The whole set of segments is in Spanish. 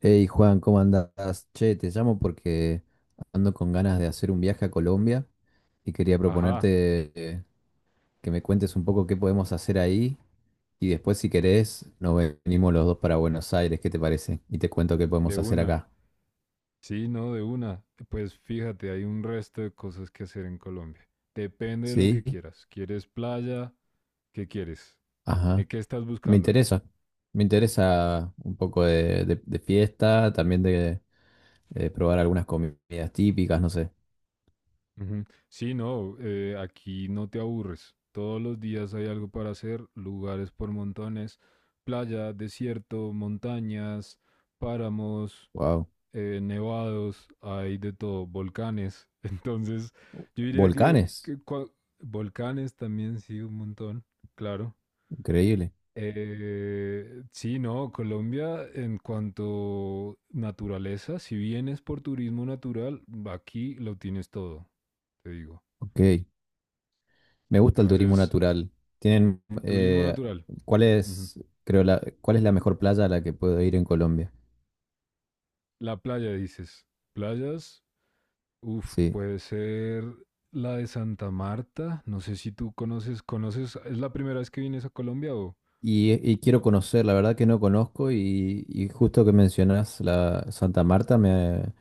Hey Juan, ¿cómo andás? Che, te llamo porque ando con ganas de hacer un viaje a Colombia y quería Ajá, proponerte que me cuentes un poco qué podemos hacer ahí y después si querés nos venimos los dos para Buenos Aires, ¿qué te parece? Y te cuento qué podemos de hacer una. acá. Sí, no, de una. Pues fíjate, hay un resto de cosas que hacer en Colombia. Depende de lo ¿Sí? que quieras. ¿Quieres playa? ¿Qué quieres? Ajá. ¿¿Qué estás Me buscando? interesa. Me interesa un poco de fiesta, también de probar algunas comidas típicas, no sé. Ujú. Sí, no, aquí no te aburres. Todos los días hay algo para hacer, lugares por montones, playa, desierto, montañas, páramos. Wow. Nevados, hay de todo, volcanes. Entonces, yo diría que, Volcanes. que cua- volcanes también, sí, un montón, claro. Increíble. Sí, no, Colombia en cuanto naturaleza, si vienes por turismo natural, aquí lo tienes todo, te digo. Ok. Me gusta el turismo Entonces, natural. Tienen, turismo natural. ¿cuál Ujú. es, creo, cuál es la mejor playa a la que puedo ir en Colombia? La playa, dices. Playas, uf, Sí. puede ser la de Santa Marta. No sé si tú conoces, ¿es la primera vez que vienes a Colombia o? Y quiero conocer, la verdad que no conozco y justo que mencionas la Santa Marta, me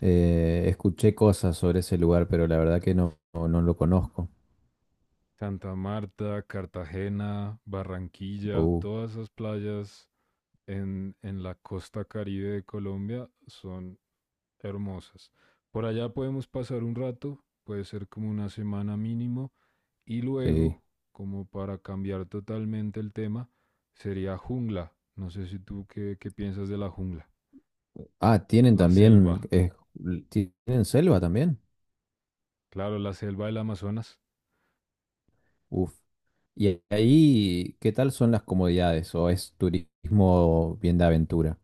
escuché cosas sobre ese lugar, pero la verdad que no lo conozco. Santa Marta, Cartagena, Barranquilla, Uh, todas esas playas en la costa caribe de Colombia son hermosas. Por allá podemos pasar un rato, puede ser como una semana mínimo, y luego, sí. como para cambiar totalmente el tema, sería jungla. No sé si tú qué piensas de la jungla, Ah, tienen la selva. también, tienen selva también. Claro, la selva del Amazonas. Uf. Y ahí, ¿qué tal son las comodidades? ¿O es turismo bien de aventura?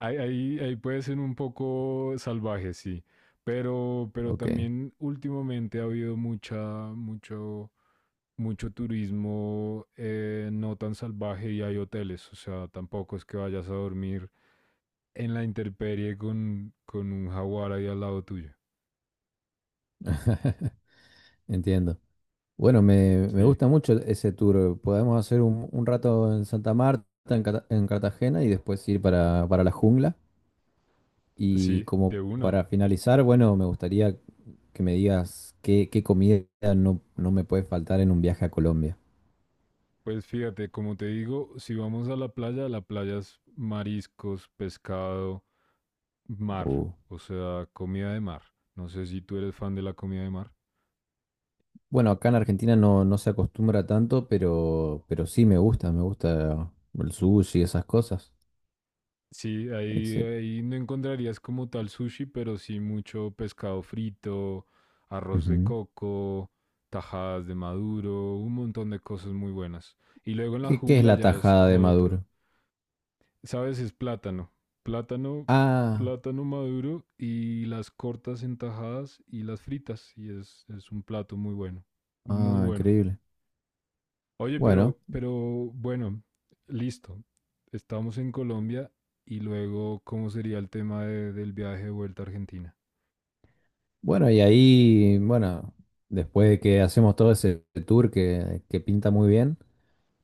Ahí puede ser un poco salvaje, sí. Pero Ok, también últimamente ha habido mucho, mucho turismo, no tan salvaje, y hay hoteles. O sea, tampoco es que vayas a dormir en la intemperie con un jaguar ahí al lado tuyo. entiendo. Bueno, me Sí, gusta mucho ese tour. Podemos hacer un rato en Santa Marta, en, en Cartagena y después ir para la jungla. Y sí, como de una. para finalizar, bueno, me gustaría que me digas qué, qué comida no me puede faltar en un viaje a Colombia. Pues fíjate, como te digo, si vamos a la playa es mariscos, pescado, mar, O- o sea, comida de mar. No sé si tú eres fan de la comida de mar. bueno, acá en Argentina no se acostumbra tanto, pero sí me gusta el sushi y esas cosas. Sí, ahí, Excel. ahí no encontrarías como tal sushi, pero sí mucho pescado frito, arroz de Ujú. coco, tajadas de maduro, un montón de cosas muy buenas. Y luego en la ¿Qué, qué es jungla la ya es tajada de otro. Maduro? ¿Sabes? Es plátano. Plátano, Ah. plátano maduro, y las cortas en tajadas y las fritas. Y es un plato muy bueno. Muy Ah, bueno. increíble. Oye, Bueno, pero bueno, listo. Estamos en Colombia y luego, ¿cómo sería el tema del viaje de vuelta a Argentina? bueno, y ahí, bueno, después de que hacemos todo ese tour que pinta muy bien,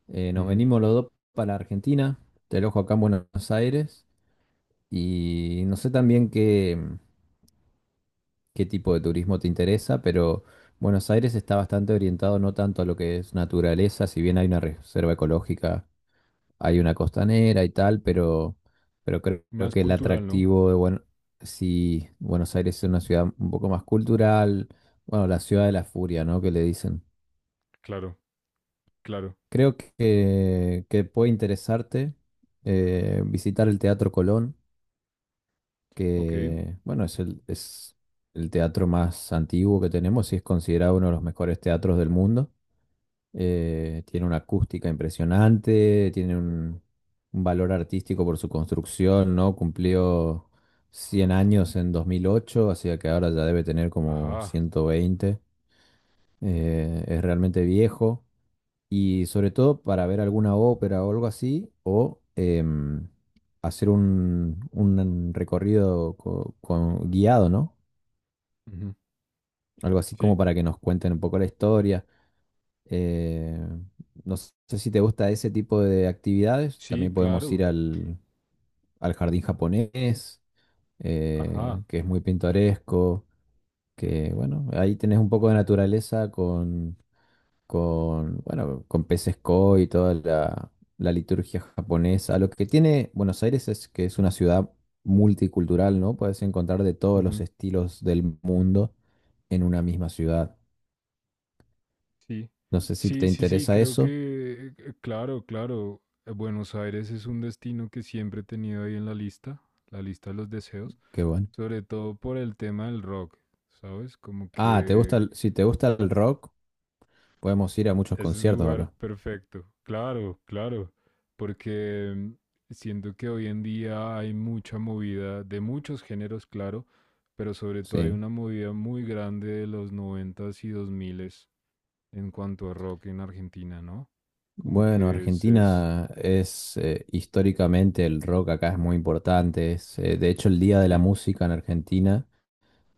nos Ujú. venimos los dos para Argentina, te alojo acá en Buenos Aires, y no sé también qué, qué tipo de turismo te interesa, pero Buenos Aires está bastante orientado no tanto a lo que es naturaleza, si bien hay una reserva ecológica, hay una costanera y tal, pero creo Más que el cultural, ¿no? atractivo de bueno, si Buenos Aires es una ciudad un poco más cultural, bueno, la ciudad de la furia, ¿no? Que le dicen. Claro, claro. Creo que puede interesarte visitar el Teatro Colón, Ok. que bueno, es es el teatro más antiguo que tenemos y es considerado uno de los mejores teatros del mundo. Tiene una acústica impresionante, tiene un valor artístico por su construcción, ¿no? Cumplió 100 años en 2008, así que ahora ya debe tener como Ajá. 120. Es realmente viejo y sobre todo para ver alguna ópera o algo así, o hacer un recorrido guiado, ¿no? Ujú. Algo así como Sí. para que nos cuenten un poco la historia. Eh, no sé si te gusta ese tipo de actividades. Sí, También podemos ir claro. Al jardín japonés, Ajá. que es muy pintoresco, que bueno, ahí tenés un poco de naturaleza con, bueno, con peces koi y toda la liturgia japonesa. Lo que tiene Buenos Aires es que es una ciudad multicultural, ¿no? Puedes encontrar de todos los Ujú. estilos del mundo en una misma ciudad. Sí. No sé si te Sí, sí, sí, interesa creo eso, que, claro, claro. Buenos Aires es un destino que siempre he tenido ahí en la lista de los deseos, qué bueno. sobre todo por el tema del rock, ¿sabes? Como Ah, que... si te gusta el rock, podemos ir a muchos Es el conciertos lugar acá. perfecto, claro, claro, porque siento que hoy en día hay mucha movida de muchos géneros, claro, pero sobre todo hay Sí. una movida muy grande de los noventas y dos miles en cuanto a rock en Argentina, ¿no? Como Bueno, que es. Argentina es históricamente el rock acá es muy importante. Es, de hecho, el Día de la Sí. Música en Argentina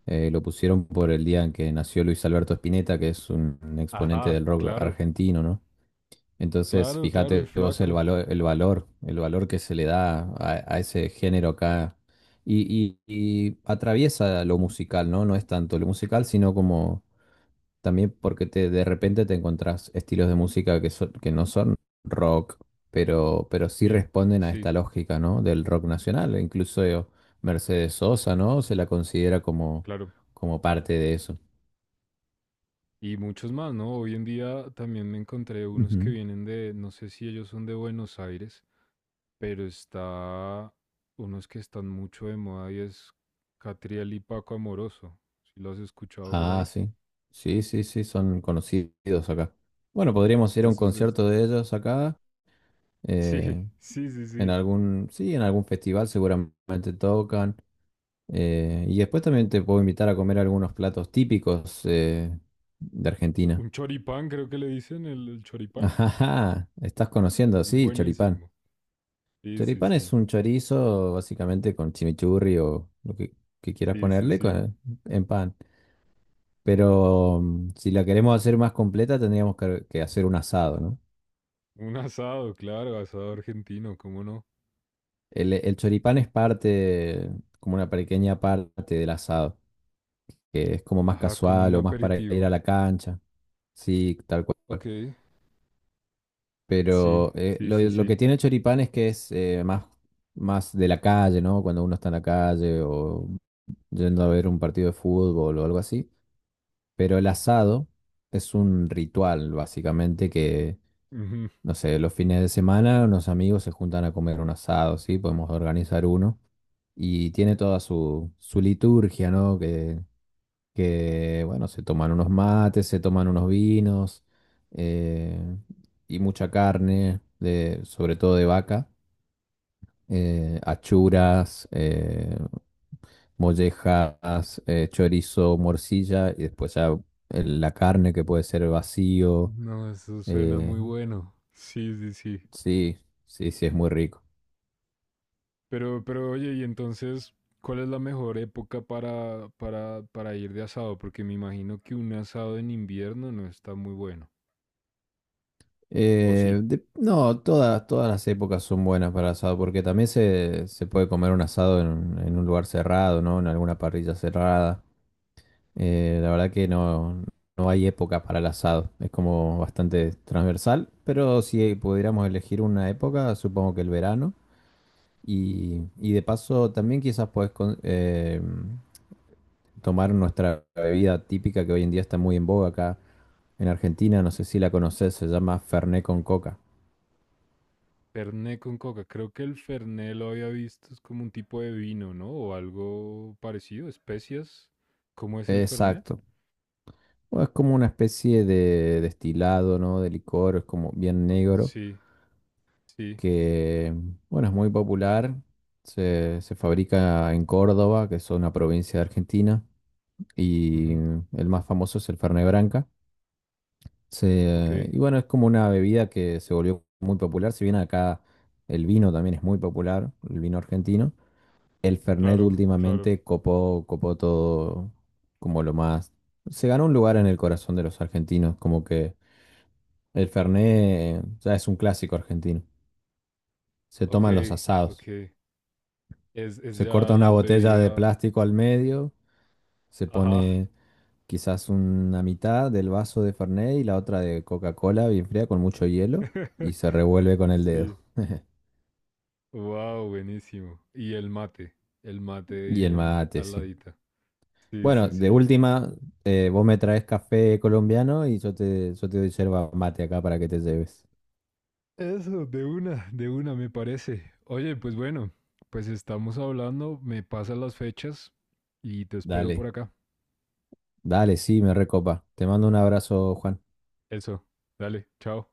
lo pusieron por el día en que nació Luis Alberto Spinetta, que es un exponente Ajá, del rock claro, argentino, ¿no? Entonces, claro, claro, el fíjate vos el flaco. valor, el valor, el valor que se le da a ese género acá. Y atraviesa lo musical, ¿no? No es tanto lo musical, sino como también porque te, de repente te encontrás estilos de música que no son rock, pero sí Sí, responden a sí, esta lógica, ¿no? Del rock nacional. E incluso, Mercedes Sosa, ¿no? Se la considera como, claro. como parte de eso. Y muchos más, ¿no? Hoy en día también me encontré unos que Ujú. vienen de, no sé si ellos son de Buenos Aires, pero está unos que están mucho de moda, y es Catriel y Paco Amoroso. Si lo has escuchado por Ah, ahí. sí. Sí, sí, sí, son conocidos acá. Bueno, podríamos ir a un Eso es esto. concierto de ellos acá. eh, Sí, sí, sí, en sí. algún, sí, en algún festival seguramente tocan. Y después también te puedo invitar a comer algunos platos típicos de Argentina. Un choripán, creo que le dicen, el choripán. Ajá, estás Es conociendo, sí, choripán. buenísimo. Sí, sí, Choripán es sí. un chorizo básicamente con chimichurri o lo que quieras Sí, sí, ponerle sí. En pan. Pero si la queremos hacer más completa tendríamos que hacer un asado, ¿no? Un asado, claro, asado argentino, ¿cómo no? El choripán es parte, como una pequeña parte del asado, que es como más Ajá, como un casual o más para ir a aperitivo. la cancha. Sí, tal cual. Ok. Sí, Pero sí, sí, lo que sí. tiene Choripán es que es más de la calle, ¿no? Cuando uno está en la calle o yendo a ver un partido de fútbol o algo así. Pero el asado es un ritual, básicamente, Ujú. no sé, los fines de semana unos amigos se juntan a comer un asado, ¿sí? Podemos organizar uno. Y tiene toda su liturgia, ¿no? Bueno, se toman unos mates, se toman unos vinos, eh, y mucha carne, de, sobre todo de vaca, achuras, mollejas, chorizo, morcilla y después ya la carne que puede ser vacío. No, eso suena eh, muy bueno. Sí, sí, sí. sí, sí, es muy rico. Pero oye, y entonces, ¿cuál es la mejor época para ir de asado? Porque me imagino que un asado en invierno no está muy bueno. O sí. No, todas las épocas son buenas para asado porque también se puede comer un asado en un lugar cerrado, ¿no? En alguna parrilla cerrada. La verdad que no, no hay época para el asado. Es como bastante transversal, pero si pudiéramos elegir una época, supongo que el verano. Y de paso, también quizás podés tomar nuestra bebida típica que hoy en día está muy en boga acá en Argentina. No sé si la conocés, se llama Fernet con coca. Fernet con coca. Creo que el Fernet lo había visto, es como un tipo de vino, ¿no? O algo parecido, especias. ¿Cómo es el Fernet? Exacto. O es como una especie de destilado, ¿no? De licor, es como bien negro. Sí, sí. Que, bueno, es muy popular. Se fabrica en Córdoba, que es una provincia de Argentina, y Ujú. el más famoso es el Fernet Branca. Ok, Y bueno, es como una bebida que se volvió muy popular, si bien acá el vino también es muy popular, el vino argentino. El Fernet claro, claro. últimamente copó todo como lo más... Se ganó un lugar en el corazón de los argentinos, como que el Fernet ya es un clásico argentino. Se Ok, toman los asados. ok. Es Se ya corta la una botella de bebida. plástico al medio, se Ajá. pone quizás una mitad del vaso de Fernet y la otra de Coca-Cola bien fría con mucho hielo y se revuelve con el dedo. Sí. Wow, buenísimo. Y el mate Y el bien mate, al sí. ladita. Sí, Bueno, sí, de sí. última, vos me traes café colombiano y yo yo te doy yerba mate acá para que te lleves. Eso, de una me parece. Oye, pues bueno, pues estamos hablando, me pasan las fechas y te espero por Dale, acá. dale, sí, me recopa. Te mando un abrazo, Juan. Eso, dale, chao.